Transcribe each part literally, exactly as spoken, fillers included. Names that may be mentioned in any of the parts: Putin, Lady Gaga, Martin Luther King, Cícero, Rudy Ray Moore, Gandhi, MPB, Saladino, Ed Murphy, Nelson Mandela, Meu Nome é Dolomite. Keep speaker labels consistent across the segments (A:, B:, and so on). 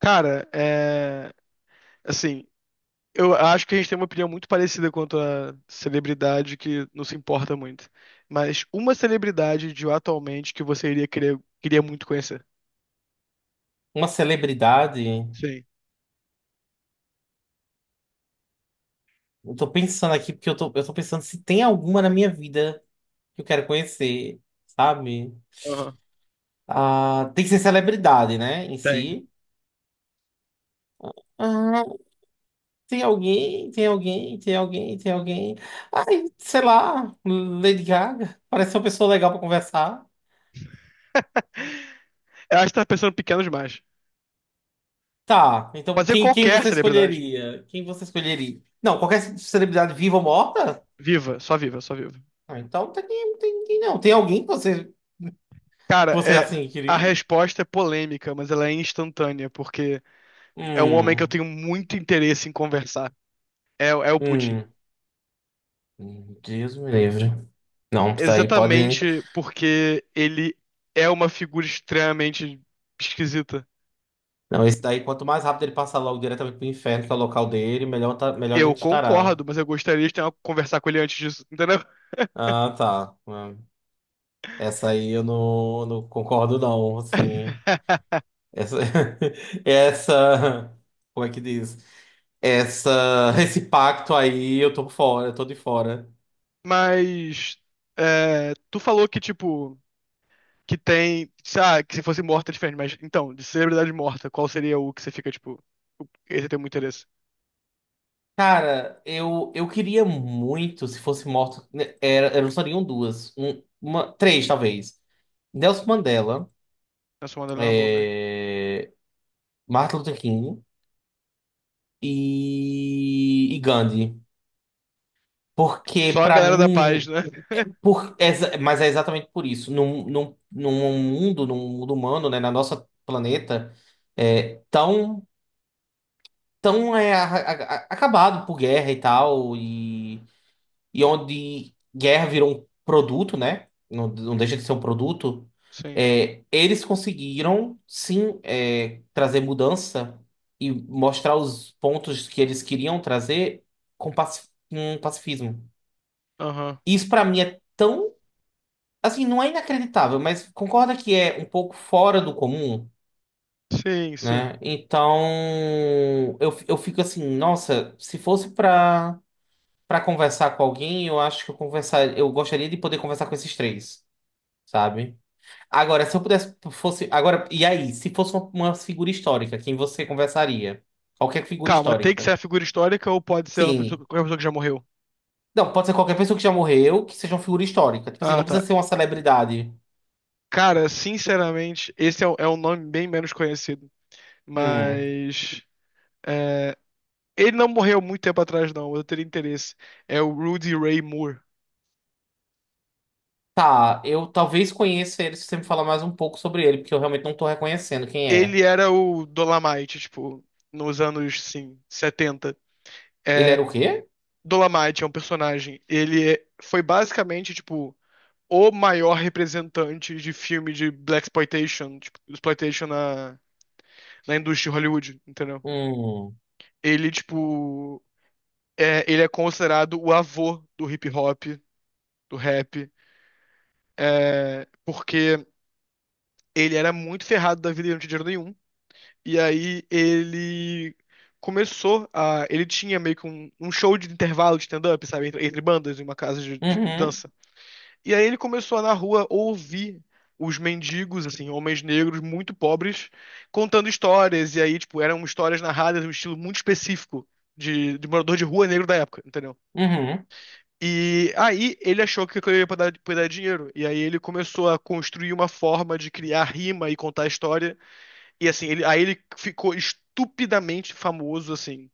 A: Cara, é. Assim, eu acho que a gente tem uma opinião muito parecida quanto a celebridade que não se importa muito. Mas uma celebridade de atualmente que você iria querer, queria muito conhecer.
B: Uma celebridade.
A: Sim.
B: Eu tô pensando aqui, porque eu tô, eu tô pensando se tem alguma na minha vida que eu quero conhecer, sabe?
A: Aham.
B: Ah, tem que ser celebridade, né? Em
A: Tem.
B: si. Ah, tem alguém, tem alguém, tem alguém, tem alguém. Ai, sei lá, Lady Gaga. Parece uma pessoa legal pra conversar.
A: Eu acho que tá pensando pequeno demais.
B: Tá, então
A: Pode ser
B: quem, quem
A: qualquer
B: você
A: celebridade.
B: escolheria? Quem você escolheria? Não, qualquer celebridade viva ou morta?
A: Viva, só viva, só viva.
B: Ah, então tem, tem, tem não. Tem alguém que você, que
A: Cara,
B: você
A: é.
B: assim
A: A
B: queria?
A: resposta é polêmica, mas ela é instantânea, porque é um homem que eu
B: Hum.
A: tenho muito interesse em conversar. É, é o Putin.
B: Hum. Deus me livre. Não, isso daí pode.
A: Exatamente porque ele é uma figura extremamente esquisita.
B: Não, esse daí, quanto mais rápido ele passar logo diretamente pro inferno, que é o local dele, melhor, tá, melhor a
A: Eu
B: gente estará.
A: concordo, mas eu gostaria de ter uma, conversar com ele antes disso, entendeu?
B: Ah, tá. Ah, essa aí eu não, não concordo, não. Assim, essa essa. Como é que diz? Essa. Esse pacto aí, eu tô fora, eu tô de fora.
A: Mas é, tu falou que, tipo, que tem. Ah, que se fosse morta é diferente, mas então, de celebridade morta, qual seria o que você fica, tipo, o- esse tem muito interesse?
B: Cara, eu, eu queria muito, se fosse morto, né, era, eram só seriam duas, um, uma, três talvez. Nelson Mandela.
A: Na sua mandala é uma boa mesmo.
B: é, Martin Luther King e, e Gandhi. Porque,
A: Só a
B: pra
A: galera da paz,
B: mim,
A: né?
B: por, é exa- mas é exatamente por isso. Num, num, num mundo, num mundo humano, né, na nossa planeta, é, tão, tão é, a- a- a- acabado por guerra e tal, e e onde guerra virou um produto, né? Não, não deixa de ser um produto.
A: Sim.
B: é, eles conseguiram, sim, é, trazer mudança e mostrar os pontos que eles queriam trazer com, paci- com pacifismo.
A: Aham.
B: Isso, pra mim, é tão. Assim, não é inacreditável, mas concorda que é um pouco fora do comum,
A: Sim, sim.
B: né? Então, eu, eu fico assim, nossa, se fosse pra. Pra conversar com alguém, eu acho que eu conversar, eu gostaria de poder conversar com esses três, sabe? Agora, se eu pudesse fosse agora, e aí, se fosse uma uma figura histórica, quem você conversaria? Qualquer figura
A: Calma, tem que ser a
B: histórica.
A: figura histórica ou pode ser uma pessoa,
B: Sim.
A: qualquer pessoa que já morreu?
B: Não, pode ser qualquer pessoa que já morreu, que seja uma figura histórica. Tipo assim,
A: Ah,
B: não
A: tá.
B: precisa ser uma celebridade.
A: Cara, sinceramente, esse é, um- é um nome bem menos conhecido.
B: Hum.
A: Mas. é, ele não morreu muito tempo atrás, não. Eu teria interesse. É o Rudy Ray Moore.
B: Tá, eu talvez conheça ele se você me falar mais um pouco sobre ele, porque eu realmente não tô reconhecendo quem
A: Ele
B: é.
A: era o Dolomite, tipo, nos anos, sim, setenta.
B: Ele
A: É,
B: era o quê?
A: Dolomite é um personagem. Ele é- foi basicamente, tipo, o maior representante de filme de Black Exploitation, tipo, exploitation na, na indústria de Hollywood, entendeu?
B: Hum.
A: Ele, tipo. é, ele é considerado o avô do hip hop, do rap, é, porque ele era muito ferrado da vida e não tinha dinheiro nenhum. E aí ele começou a. Ele tinha meio que um, um show de intervalo de stand-up, sabe? Entre, entre bandas, em uma casa de, de
B: Uhum.
A: dança. E aí ele começou a, na rua ouvir os mendigos, assim, homens negros muito pobres, contando histórias. E aí, tipo, eram histórias narradas num estilo muito específico de, de morador de rua negro da época, entendeu?
B: Uhum.
A: E aí ele achou que aquilo ia dar, poder dar dinheiro. E aí ele começou a construir uma forma de criar rima e contar a história. E assim, ele, aí ele ficou estupidamente famoso, assim.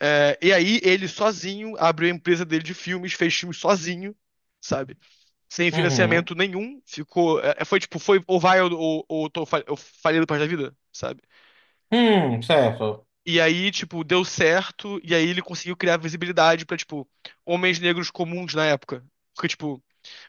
A: É, e aí ele sozinho abriu a empresa dele de filmes, fez filmes sozinho, sabe? Sem
B: Uhum.
A: financiamento nenhum. Ficou. é, é, foi tipo, foi ou vai ou, ou, ou tô fa- eu falei do parte da vida, sabe?
B: Hum, certo.
A: E aí, tipo, deu certo, e aí ele conseguiu criar visibilidade pra, tipo, homens negros comuns na época. Porque, tipo,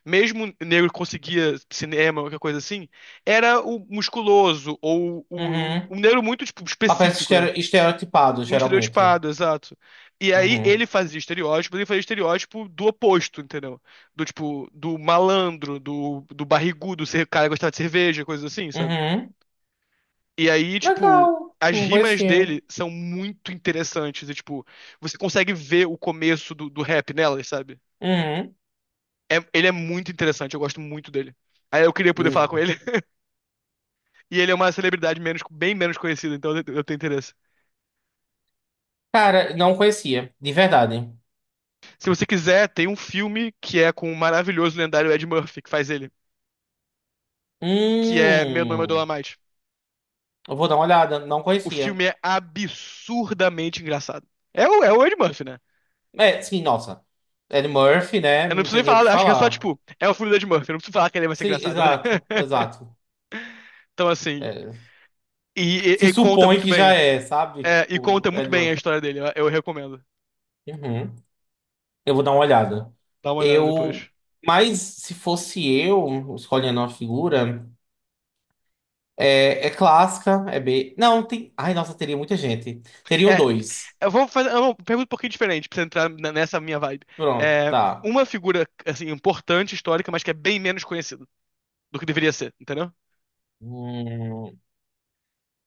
A: mesmo negro conseguia cinema, qualquer coisa assim, era o musculoso, ou o, o-
B: Uhum.
A: um negro muito tipo,
B: Papéis
A: específico, né?
B: estere- estereotipados,
A: Muito
B: geralmente.
A: estereotipado, exato. E aí
B: Uhum.
A: ele fazia estereótipo, ele fazia estereótipo do oposto, entendeu? Do tipo, do malandro, do, do barrigudo, ser- cara que gostava de cerveja, coisa assim, sabe?
B: Uhum.
A: E aí, tipo,
B: Legal.
A: as
B: Não
A: rimas
B: conhecia.
A: dele são muito interessantes. E, tipo, você consegue ver o começo do, do rap nelas, sabe?
B: Uhum.
A: É- ele é muito interessante, eu gosto muito dele. Aí eu queria poder falar com
B: Hum.
A: ele. E ele é uma celebridade menos, bem menos conhecida, então eu eu tenho interesse.
B: Cara, não conhecia, de verdade.
A: Se você quiser, tem um filme que é com o maravilhoso lendário Ed Murphy, que faz ele, que é Meu Nome é
B: Hum.
A: Dolomite.
B: Eu vou dar uma olhada, não
A: O
B: conhecia.
A: filme é absurdamente engraçado. É o, é o Ed Murphy, né?
B: É, sim, nossa. Ed Murphy, né?
A: Eu não
B: Não
A: preciso
B: tem
A: nem
B: nem o que
A: falar, acho que é só,
B: falar.
A: tipo, é o filme do Ed Murphy, eu não preciso falar que ele vai ser
B: Sim,
A: engraçado, né?
B: exato, exato.
A: Então, assim,
B: É,
A: e, e-
B: se
A: e conta
B: supõe
A: muito
B: que já
A: bem.
B: é, sabe?
A: É, e
B: Tipo,
A: conta muito
B: Ed
A: bem a
B: Murphy.
A: história dele, eu, eu recomendo.
B: Uhum. Eu vou dar uma olhada.
A: Dá uma olhada
B: Eu.
A: depois.
B: Mas se fosse eu escolhendo uma figura. É, é clássica, é B. Não, tem. Ai, nossa, teria muita gente. Teriam
A: É,
B: dois.
A: eu vou fazer uma pergunta um pouquinho diferente pra você entrar n- nessa minha vibe.
B: Pronto,
A: É,
B: tá.
A: uma figura, assim, importante, histórica, mas que é bem menos conhecida do que deveria ser, entendeu?
B: Hum,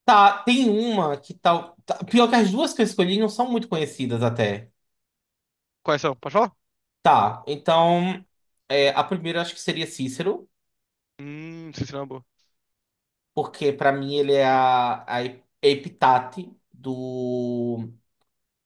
B: tá, tem uma que tal. tá- Pior que as duas que eu escolhi não são muito conhecidas até.
A: Quais são? Pode falar?
B: Tá, então. é, a primeira acho que seria Cícero,
A: Hum, sim, sim, é uma boa.
B: porque pra mim ele é a, a epitate do,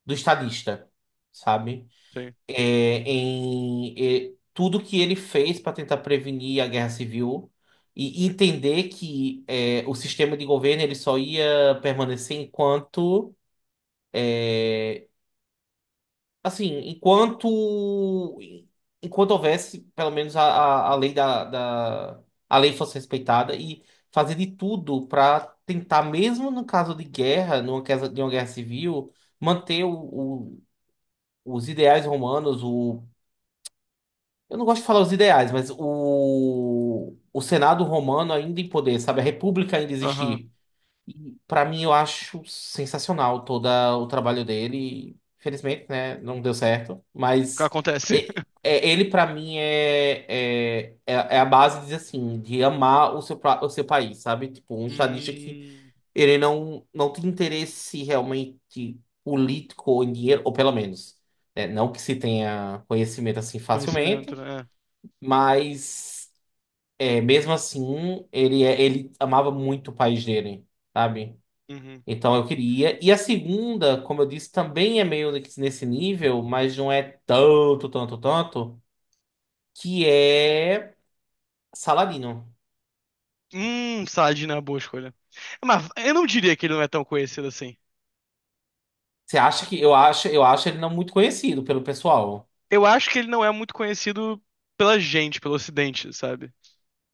B: do estadista, sabe?
A: Sim.
B: é, em é, tudo que ele fez para tentar prevenir a guerra civil e entender que é, o sistema de governo ele só ia permanecer enquanto assim enquanto enquanto houvesse pelo menos a, a, a lei da, da a lei fosse respeitada e fazer de tudo para tentar mesmo no caso de guerra numa casa de uma guerra civil manter o, o- os ideais romanos, o Eu não gosto de falar os ideais, mas o, o Senado romano ainda em poder, sabe? A República ainda
A: Aham.
B: existir. E para mim eu acho sensacional todo o trabalho dele. Infelizmente, né? Não deu certo.
A: O que
B: Mas
A: acontece?
B: e- é, ele para mim é, é, é é a base, de dizer assim, de amar o seu, pra- o seu país, sabe? Tipo, um estadista que
A: Hum,
B: ele não, não tem interesse realmente político ou em dinheiro, ou pelo menos, né? Não que se tenha conhecimento assim
A: conhecimento,
B: facilmente.
A: né?
B: Mas é, mesmo assim, ele, é- ele amava muito o país dele, sabe?
A: É. Uhum.
B: Então eu queria. E a segunda, como eu disse, também é meio que nesse nível, mas não é tanto, tanto, tanto, que é Saladino.
A: Hum, Saad não é uma boa escolha. Mas eu não diria que ele não é tão conhecido assim.
B: Você acha que eu acho, eu acho ele não muito conhecido pelo pessoal.
A: Eu acho que ele não é muito conhecido pela gente, pelo ocidente, sabe?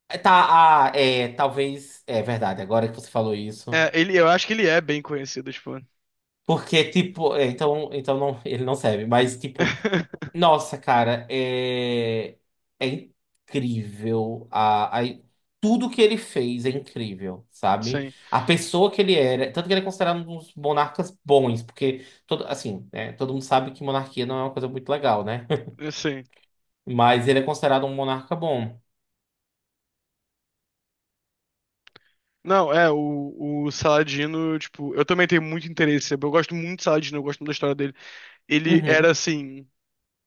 B: É, tá, ah, é, talvez é verdade, agora que você falou isso.
A: É, ele, eu acho que ele é bem conhecido, tipo.
B: Porque tipo, é, então, então não, ele não serve, mas tipo nossa, cara, é, é incrível. A, a- Tudo que ele fez é incrível, sabe?
A: Sim,
B: A pessoa que ele era, tanto que ele é considerado um dos monarcas bons, porque todo, assim, né, todo mundo sabe que monarquia não é uma coisa muito legal, né?
A: sim.
B: Mas ele é considerado um monarca bom.
A: Não, é, o, o Saladino, tipo, eu também tenho muito interesse, eu gosto muito de Saladino, eu gosto muito da história dele. Ele era,
B: Uhum,
A: assim,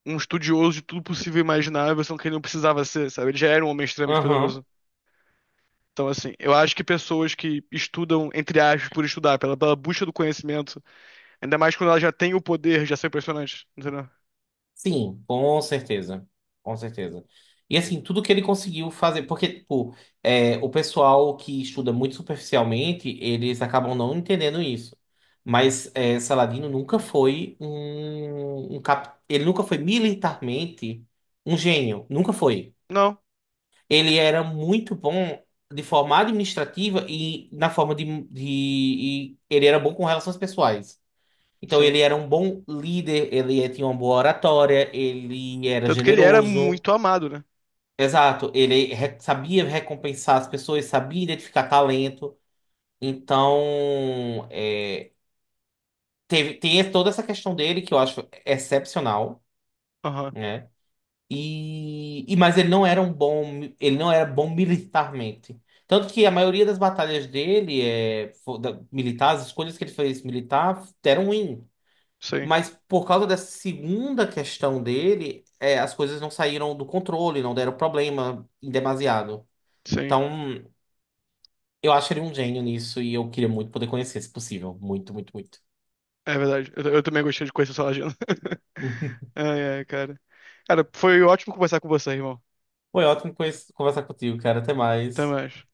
A: um estudioso de tudo possível e imaginável, só que ele não precisava ser, sabe? Ele já era um homem extremamente
B: aham.
A: poderoso. Então, assim, eu acho que pessoas que estudam, entre aspas, por estudar, pela, pela busca do conhecimento, ainda mais quando ela já tem o poder, já são impressionantes, entendeu?
B: Sim, com certeza. Com certeza. E assim, tudo que ele conseguiu fazer, porque, tipo, é, o pessoal que estuda muito superficialmente, eles acabam não entendendo isso. Mas é, Saladino nunca foi um, um cap, ele nunca foi militarmente um gênio. Nunca foi.
A: Não,
B: Ele era muito bom de forma administrativa e na forma de, de... e ele era bom com relações pessoais. Então ele
A: sim.
B: era um bom líder, ele tinha uma boa oratória, ele era
A: Tanto que ele era
B: generoso.
A: muito amado, né?
B: Exato, ele re- sabia recompensar as pessoas, sabia identificar talento. Então, é, teve, tem toda essa questão dele que eu acho excepcional,
A: Aham,
B: né? E, e mas ele não era um bom, mi- ele não era bom militarmente. Tanto que a maioria das batalhas dele é fo- da- militares, as escolhas que ele fez militar deram ruim.
A: sim,
B: Mas por causa dessa segunda questão dele, é, as coisas não saíram do controle, não deram problema em demasiado.
A: sim.
B: Então, eu acho ele um gênio nisso e eu queria muito poder conhecer, se possível. Muito, muito, muito.
A: É verdade. Eu, eu também gostei de conhecer sua agenda. Ai, ai, cara. Cara, foi ótimo conversar com você, irmão.
B: Foi ótimo conhe- conversar contigo, cara. Até
A: Até
B: mais.
A: mais.